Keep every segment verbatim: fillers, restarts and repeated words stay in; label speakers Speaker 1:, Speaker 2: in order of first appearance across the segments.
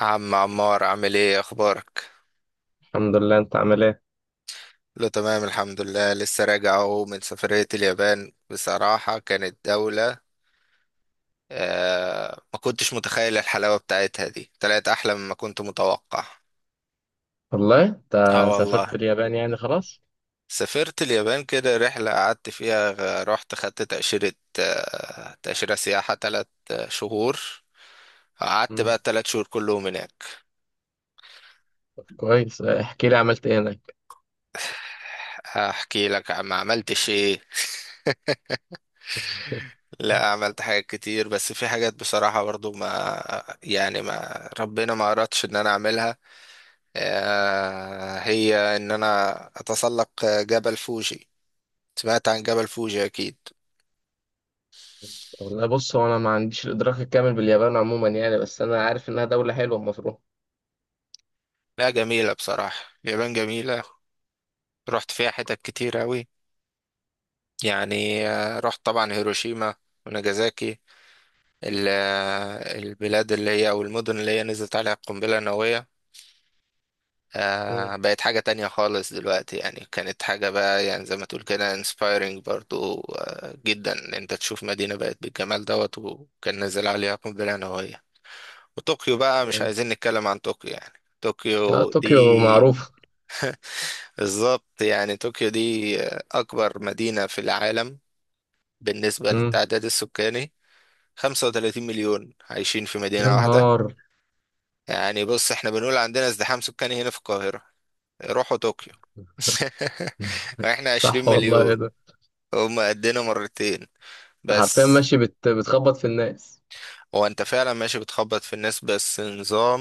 Speaker 1: عم عمار، عامل ايه؟ اخبارك؟
Speaker 2: الحمد لله، انت عامل ايه؟
Speaker 1: له تمام، الحمد لله. لسه راجع اهو من سفرية اليابان، بصراحة كانت دولة. آه ما كنتش متخيل الحلاوة بتاعتها دي، طلعت احلى مما كنت متوقع.
Speaker 2: والله انت
Speaker 1: اه
Speaker 2: سافرت
Speaker 1: والله.
Speaker 2: اليابان يعني خلاص.
Speaker 1: سافرت اليابان كده رحلة قعدت فيها، غ- رحت خدت تأشيرة. آه تأشيرة سياحة تلات آه، شهور. قعدت بقى
Speaker 2: امم.
Speaker 1: التلات شهور كلهم هناك.
Speaker 2: طب كويس، احكي لي عملت ايه هناك.
Speaker 1: هحكي لك عم عملتش ايه. لا، عملت حاجات كتير، بس في حاجات بصراحة برضو ما يعني، ما ربنا ما أردش إن أنا أعملها. آه، هي إن أنا أتسلق جبل فوجي. سمعت عن جبل فوجي أكيد.
Speaker 2: والله بص، هو انا ما عنديش الادراك الكامل باليابان عموما يعني، بس انا عارف انها دولة حلوة المفروض.
Speaker 1: لا، جميلة بصراحة، اليابان جميلة. رحت فيها حتت كتير أوي. يعني آه، رحت طبعا هيروشيما وناجازاكي، ال- آه، البلاد اللي هي، أو المدن اللي هي نزلت عليها القنبلة النووية.
Speaker 2: امم،
Speaker 1: آه بقت حاجة تانية خالص دلوقتي يعني، كانت حاجة بقى يعني زي ما تقول كده inspiring برضو آه جدا، إن انت تشوف مدينة بقت بالجمال دوت وكان نازل عليها قنبلة نووية. وطوكيو بقى، مش
Speaker 2: امم.
Speaker 1: عايزين نتكلم عن طوكيو يعني.
Speaker 2: اه،
Speaker 1: طوكيو
Speaker 2: طوكيو
Speaker 1: دي،
Speaker 2: معروف.
Speaker 1: بالظبط، يعني طوكيو دي آه، أكبر مدينة في العالم بالنسبة
Speaker 2: امم.
Speaker 1: للتعداد السكاني. 35 مليون عايشين في
Speaker 2: يا
Speaker 1: مدينة واحدة.
Speaker 2: نهار.
Speaker 1: يعني بص، احنا بنقول عندنا ازدحام سكاني هنا في القاهرة، روحوا طوكيو. احنا عشرين
Speaker 2: صح والله، ايه
Speaker 1: مليون
Speaker 2: ده.
Speaker 1: هما قدنا مرتين.
Speaker 2: انت حرفيا
Speaker 1: بس
Speaker 2: ماشي بت... بتخبط في الناس.
Speaker 1: هو انت فعلا ماشي بتخبط في الناس، بس نظام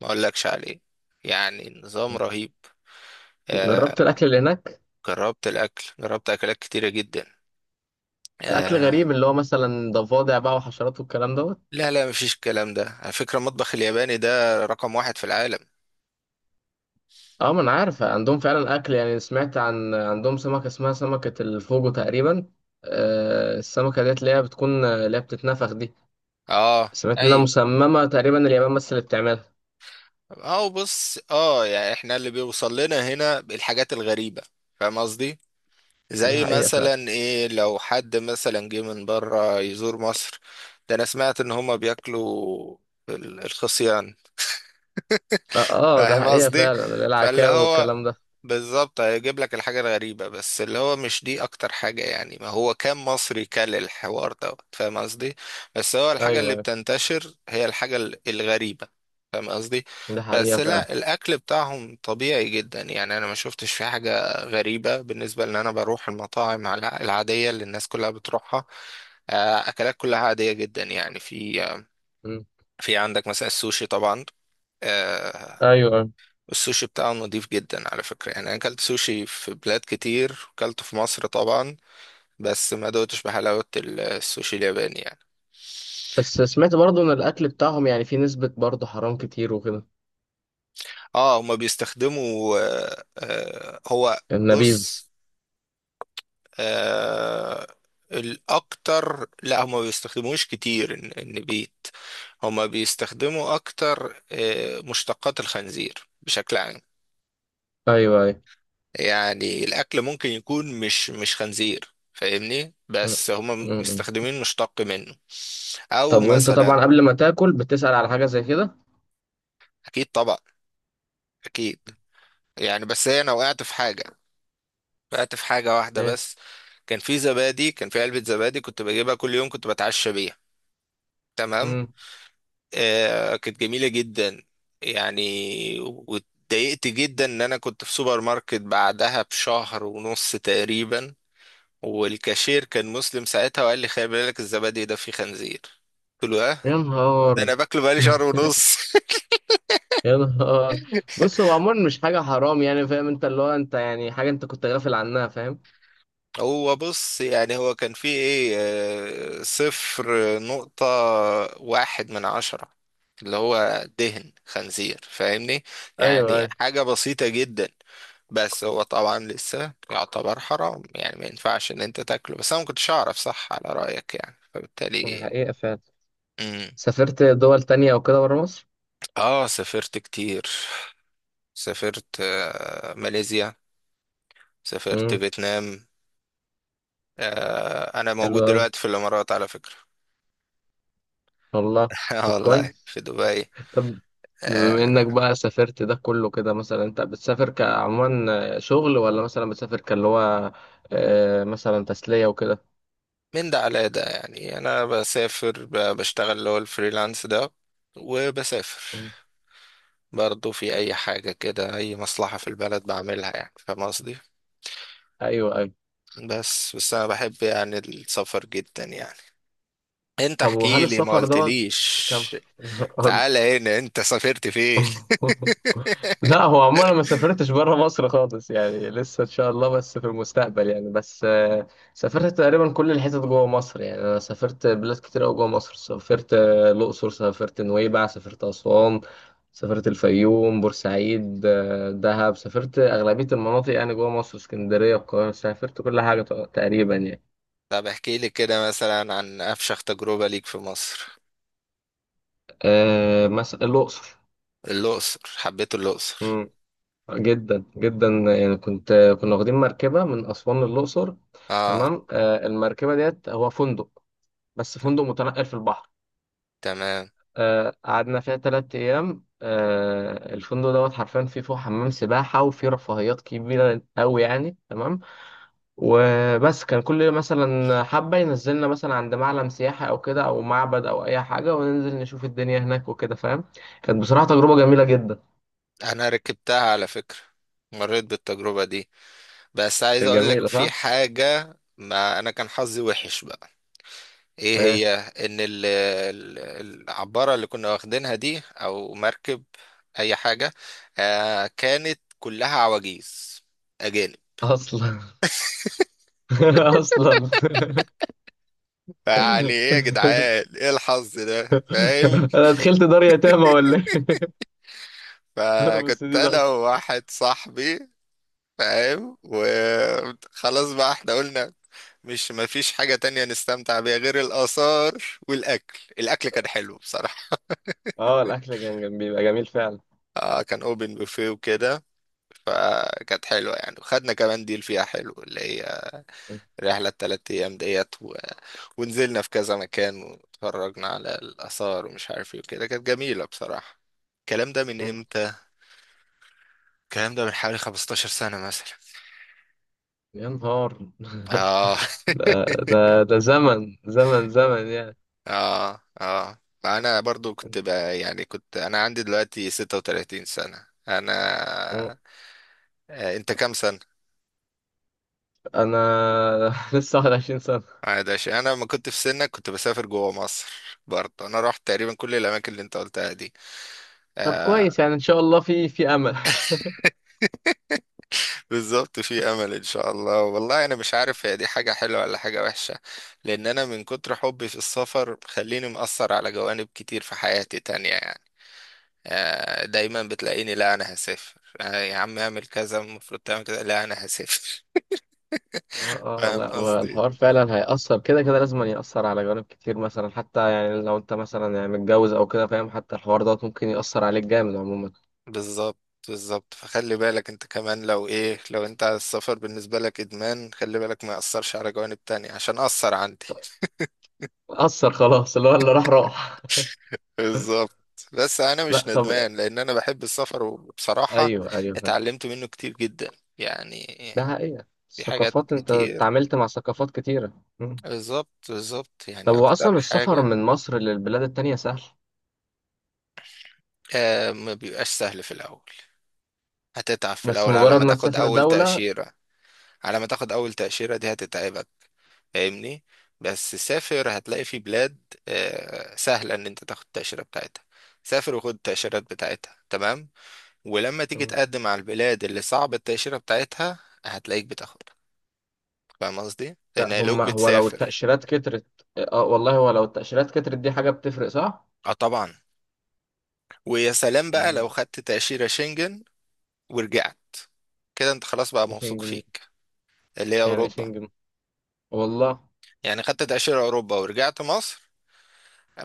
Speaker 1: ما اقولكش عليه، يعني نظام رهيب. آه.
Speaker 2: جربت الاكل اللي هناك؟
Speaker 1: جربت الاكل، جربت اكلات كتيرة جدا.
Speaker 2: اكل
Speaker 1: آه.
Speaker 2: غريب اللي هو مثلا ضفادع بقى وحشرات والكلام دوت.
Speaker 1: لا لا، مفيش الكلام ده، على فكرة المطبخ الياباني ده رقم واحد في العالم.
Speaker 2: اه، ما انا عارف عندهم فعلا اكل يعني، سمعت عن عندهم سمكه اسمها سمكه الفوجو تقريبا. آه، السمكه ديت اللي هي بتكون اللي هي بتتنفخ دي.
Speaker 1: اه،
Speaker 2: سمعت انها
Speaker 1: ايوه.
Speaker 2: مسممه تقريبا اليابان بس اللي بتعملها.
Speaker 1: اه، بص، اه يعني احنا اللي بيوصل لنا هنا الحاجات الغريبة، فاهم قصدي؟
Speaker 2: دي
Speaker 1: زي
Speaker 2: حقيقه فعلا.
Speaker 1: مثلا ايه، لو حد مثلا جه من بره يزور مصر، ده انا سمعت ان هما بياكلوا ال- الخصيان،
Speaker 2: اه. آه، ده
Speaker 1: فاهم
Speaker 2: حقيقه
Speaker 1: قصدي؟
Speaker 2: فعلا اللي هي
Speaker 1: فاللي
Speaker 2: العكاوي
Speaker 1: هو
Speaker 2: والكلام ده.
Speaker 1: بالظبط هيجيب لك الحاجة الغريبة، بس اللي هو مش دي أكتر حاجة، يعني ما هو كان مصري كل الحوار ده، فاهم قصدي؟ بس هو الحاجة
Speaker 2: ايوه،
Speaker 1: اللي
Speaker 2: ايوه.
Speaker 1: بتنتشر هي الحاجة ال- الغريبة، فاهم قصدي؟
Speaker 2: ده
Speaker 1: بس
Speaker 2: حقيقه فعلا.
Speaker 1: لا، الأكل بتاعهم طبيعي جدا، يعني أنا ما شفتش في حاجة غريبة، بالنسبة لأن أنا بروح المطاعم الع- العادية اللي الناس كلها بتروحها. آه، أكلات كلها عادية جدا، يعني في
Speaker 2: مم.
Speaker 1: في عندك مثلا السوشي طبعا. آه،
Speaker 2: ايوه، ايوه.
Speaker 1: السوشي بتاعه نضيف جدا على فكرة، يعني أنا أكلت سوشي في بلاد كتير، أكلته في مصر طبعا، بس ما دوتش بحلاوة ال- السوشي الياباني يعني.
Speaker 2: بس سمعت برضو ان الاكل بتاعهم يعني فيه نسبه برضو حرام كتير وكده.
Speaker 1: اه، هما بيستخدموا آه آه هو،
Speaker 2: النبيذ.
Speaker 1: بص، آه الأكتر، لا هما ما بيستخدموش كتير الن- النبيت، هما بيستخدموا أكتر آه مشتقات الخنزير بشكل عام.
Speaker 2: ايوه، ايوه.
Speaker 1: يعني الاكل ممكن يكون مش مش خنزير، فاهمني؟
Speaker 2: مم.
Speaker 1: بس هم
Speaker 2: مم.
Speaker 1: مستخدمين مشتق منه، او
Speaker 2: طب،
Speaker 1: بتعملوا
Speaker 2: وانت
Speaker 1: مثلا
Speaker 2: طبعا
Speaker 1: سمك.
Speaker 2: قبل ما تاكل بتسأل على حاجه زي كده؟
Speaker 1: اكيد طبعا، اكيد. يعني بس هي، انا وقعت في حاجه، وقعت في حاجه واحده بس. كان في زبادي كان في علبه زبادي، كنت بجيبها كل يوم، كنت بتعشى بيها، تمام.
Speaker 2: ايه.
Speaker 1: آه كانت جميله جدا. يعني واتضايقت جدا، ان انا كنت في سوبر ماركت بعدها بشهر ونص تقريبا، والكاشير كان مسلم ساعتها وقال لي: خلي بالك الزبادي ده فيه خنزير. قلت له: ها؟
Speaker 2: يا نهار.
Speaker 1: ده انا باكله بقالي شهر ونص.
Speaker 2: يا نهار. بص، هو عموما مش حاجة حرام يعني، فاهم انت اللي هو انت يعني حاجة انت كنت غافل عنها، فاهم.
Speaker 1: هو بص، يعني هو كان فيه ايه؟ آه، صفر نقطة واحد من عشرة، اللي هو دهن خنزير، فاهمني؟
Speaker 2: ايوه،
Speaker 1: يعني
Speaker 2: ايوه.
Speaker 1: حاجة بسيطة جدا، بس هو طبعا لسه يعتبر حرام، يعني ما ينفعش ان انت تاكله، بس انا ما كنتش اعرف، صح على رأيك يعني،
Speaker 2: دي
Speaker 1: فبالتالي.
Speaker 2: حقيقة فعلا.
Speaker 1: امم
Speaker 2: سافرت دول تانية او كده برا مصر؟
Speaker 1: اه، سافرت كتير. سافرت آه، ماليزيا، سافرت
Speaker 2: امم.
Speaker 1: فيتنام. آه، انا
Speaker 2: حلو
Speaker 1: موجود
Speaker 2: اوي.
Speaker 1: دلوقتي في الامارات على فكرة.
Speaker 2: والله.
Speaker 1: آه
Speaker 2: طب
Speaker 1: والله
Speaker 2: كويس.
Speaker 1: في دبي.
Speaker 2: طب، بما انك
Speaker 1: آه،
Speaker 2: بقى سافرت ده كله كده، مثلا انت بتسافر كعموما شغل ولا مثلا بتسافر كاللي هو آه، مثلا تسلية وكده؟
Speaker 1: من ده على ده، يعني انا بسافر ب- بشتغل اللي هو الفريلانس ده، وبسافر
Speaker 2: مم.
Speaker 1: برضه في اي حاجة كده، اي مصلحة في البلد بعملها، يعني فاهم قصدي؟
Speaker 2: ايوه، ايوه.
Speaker 1: بس بس انا بحب يعني السفر جدا يعني. انت
Speaker 2: طب
Speaker 1: احكي
Speaker 2: وهل
Speaker 1: لي، ما
Speaker 2: السفر دوت كان؟
Speaker 1: قلتليش، تعالى هنا، انت سافرت فين؟
Speaker 2: قول. لا، هو عموما أنا ما سافرتش بره مصر خالص يعني، لسه ان شاء الله بس في المستقبل يعني، بس آه، سافرت تقريبا كل الحتت جوه مصر يعني. انا سافرت بلاد كتير قوي جوه مصر، سافرت آه، الاقصر، سافرت نويبع، سافرت اسوان، سافرت الفيوم، بورسعيد، آه، دهب. سافرت اغلبيه المناطق يعني جوه مصر، اسكندريه، القاهره. سافرت كل حاجه تق- تقريبا يعني.
Speaker 1: طب احكي لي كده مثلا عن أفشخ تجربة ليك في مصر.
Speaker 2: آه، مثلا الاقصر،
Speaker 1: الأقصر، حبيت الأقصر.
Speaker 2: جدا جدا. يعني كنت كنا واخدين مركبة من أسوان للأقصر.
Speaker 1: اه،
Speaker 2: تمام. آه، المركبة ديت هو فندق، بس فندق متنقل في البحر.
Speaker 1: تمام.
Speaker 2: آه، قعدنا فيها تلات أيام. آه، الفندق دوت حرفيا فيه فوق حمام سباحة وفيه رفاهيات كبيرة أوي يعني، تمام. وبس كان كل مثلا حبة ينزلنا مثلا عند معلم سياحي أو كده أو معبد أو أي حاجة، وننزل نشوف الدنيا هناك وكده، فاهم. كانت بصراحة تجربة جميلة جدا.
Speaker 1: أنا ركبتها على فكرة، مريت بالتجربة دي، بس عايز
Speaker 2: كانت
Speaker 1: أقول لك
Speaker 2: جميلة
Speaker 1: في
Speaker 2: صح؟
Speaker 1: حاجة، ما أنا كان حظي وحش بقى. إيه
Speaker 2: آه،
Speaker 1: هي، إن ال- ال- العبارة اللي كنا واخدينها دي، أو مركب، أي حاجة، آه كانت كلها عواجيز، أجانب.
Speaker 2: أصلا. اصلا.
Speaker 1: يعني إيه يا جدعان، إيه الحظ ده، فاهم؟
Speaker 2: انا دخلت دار يتامى ولا ايه؟ دار
Speaker 1: فكنت
Speaker 2: السديد
Speaker 1: انا
Speaker 2: اصلا.
Speaker 1: وواحد صاحبي، فاهم، وخلاص بقى احنا قلنا مش مفيش حاجة تانية نستمتع بيها غير الآثار والأكل. الأكل كان حلو بصراحة.
Speaker 2: اه، الاكل كان جم- بيبقى جميل فعلا.
Speaker 1: آه كان أوبن بوفيه وكده، فكانت حلوة يعني، وخدنا كمان ديل فيها حلو اللي هي
Speaker 2: م-
Speaker 1: رحلة التلات أيام ديت، و... ونزلنا في كذا مكان، واتفرجنا على الآثار، ومش عارف ايه وكده، كانت جميلة بصراحة. الكلام ده من
Speaker 2: م.
Speaker 1: امتى؟ الكلام ده من حوالي 15 سنة مثلا.
Speaker 2: يا نهار.
Speaker 1: اه.
Speaker 2: ده ده ده زمن، زمن زمن يعني.
Speaker 1: اه، اه. انا برضو كنت بقى يعني، كنت انا عندي دلوقتي 36 سنة انا.
Speaker 2: م.
Speaker 1: آه، انت كام سنة؟
Speaker 2: انا لسه واحد وعشرين سنه.
Speaker 1: عادش، انا ما كنت في سنك كنت بسافر جوه مصر، برضه انا رحت تقريبا كل الاماكن اللي انت قلتها دي.
Speaker 2: طب
Speaker 1: آه.
Speaker 2: كويس يعني ان شاء الله في في امل.
Speaker 1: بالظبط، في امل ان شاء الله. والله انا مش عارف هي دي حاجة حلوة ولا حاجة وحشة، لان انا من كتر حبي في السفر خليني مأثر على جوانب كتير في حياتي تانية يعني. آه، دايما بتلاقيني: لا انا هسافر، آه، يا عم اعمل كذا، المفروض تعمل كذا، لا انا هسافر.
Speaker 2: اه، اه.
Speaker 1: فاهم
Speaker 2: لا،
Speaker 1: قصدي؟
Speaker 2: والحوار فعلا هيأثر كده كده، لازم يأثر على جوانب كتير مثلا، حتى يعني لو انت مثلا يعني متجوز او كده فاهم، حتى الحوار دوت ممكن يأثر عليك جامد عموما.
Speaker 1: بالظبط، بالظبط، فخلي بالك انت كمان لو ايه لو انت على السفر بالنسبة لك ادمان، خلي بالك ما يأثرش على جوانب تانية، عشان أثر عندي.
Speaker 2: اثر خلاص، اللي هو اللي راح راح.
Speaker 1: بالظبط. بس انا
Speaker 2: لا
Speaker 1: مش
Speaker 2: طب.
Speaker 1: ندمان لان انا بحب السفر، وبصراحة
Speaker 2: ايوه، ايوه، فاهم.
Speaker 1: اتعلمت منه كتير جدا، يعني
Speaker 2: ده حقيقة.
Speaker 1: في حاجات
Speaker 2: الثقافات انت
Speaker 1: كتير.
Speaker 2: اتعاملت مع ثقافات كتيرة. مم.
Speaker 1: بالظبط، بالظبط،
Speaker 2: طب
Speaker 1: يعني
Speaker 2: هو
Speaker 1: اكتر
Speaker 2: اصلا السفر
Speaker 1: حاجة.
Speaker 2: من مصر للبلاد التانية سهل؟
Speaker 1: آه، ما بيبقاش سهل في الاول، هتتعب في
Speaker 2: بس
Speaker 1: الأول على
Speaker 2: مجرد
Speaker 1: ما
Speaker 2: ما
Speaker 1: تاخد
Speaker 2: تسافر
Speaker 1: أول
Speaker 2: دولة.
Speaker 1: تأشيرة، على ما تاخد أول تأشيرة دي هتتعبك، فاهمني؟ بس سافر، هتلاقي في بلاد آه، سهلة إن أنت تاخد التأشيرة بتاعتها، سافر وخد التأشيرات بتاعتها، تمام. ولما تيجي
Speaker 2: مم.
Speaker 1: تقدم على البلاد اللي صعب التأشيرة بتاعتها، هتلاقيك بتاخدها، فاهم قصدي؟ لأن
Speaker 2: لا، هم
Speaker 1: هيلاقوك
Speaker 2: هو لو
Speaker 1: بتسافر.
Speaker 2: التأشيرات كترت. اه والله، هو لو التأشيرات كترت دي حاجة بتفرق صح؟
Speaker 1: اه طبعا، ويا سلام بقى
Speaker 2: مم.
Speaker 1: لو خدت تأشيرة شنجن ورجعت، كده انت خلاص بقى
Speaker 2: ايه
Speaker 1: موثوق
Speaker 2: شنجن دي؟
Speaker 1: فيك. اللي هي
Speaker 2: يعني ايه
Speaker 1: أوروبا،
Speaker 2: شنجن؟ والله.
Speaker 1: يعني خدت تأشيرة أوروبا ورجعت مصر،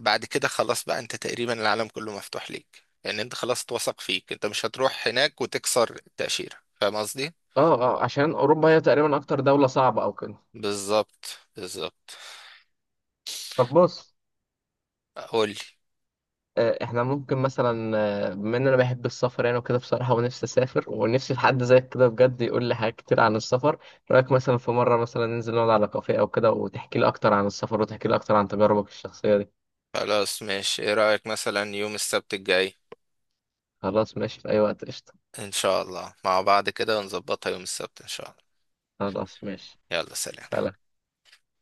Speaker 1: بعد كده خلاص بقى انت تقريبا العالم كله مفتوح ليك، يعني انت خلاص اتوثق فيك، انت مش هتروح هناك وتكسر التأشيرة، فاهم قصدي؟
Speaker 2: اه، اه، عشان اوروبا هي تقريبا اكتر دولة صعبة او كده.
Speaker 1: بالظبط، بالظبط.
Speaker 2: طب بص.
Speaker 1: قول لي.
Speaker 2: آه، احنا ممكن مثلا آه، بما ان انا بحب السفر يعني وكده بصراحه، ونفسي اسافر، ونفسي في حد زيك كده بجد يقول لي حاجات كتير عن السفر. إيه رايك مثلا في مره مثلا ننزل نقعد على كافيه او كده وتحكي لي اكتر عن السفر، وتحكي لي اكتر عن تجاربك الشخصيه دي؟
Speaker 1: خلاص ماشي، ايه رأيك مثلا يوم السبت الجاي؟
Speaker 2: خلاص ماشي، في اي وقت، قشطه.
Speaker 1: ان شاء الله مع بعض كده ونظبطها يوم السبت ان شاء الله.
Speaker 2: خلاص ماشي.
Speaker 1: يلا، سلام.
Speaker 2: سلام.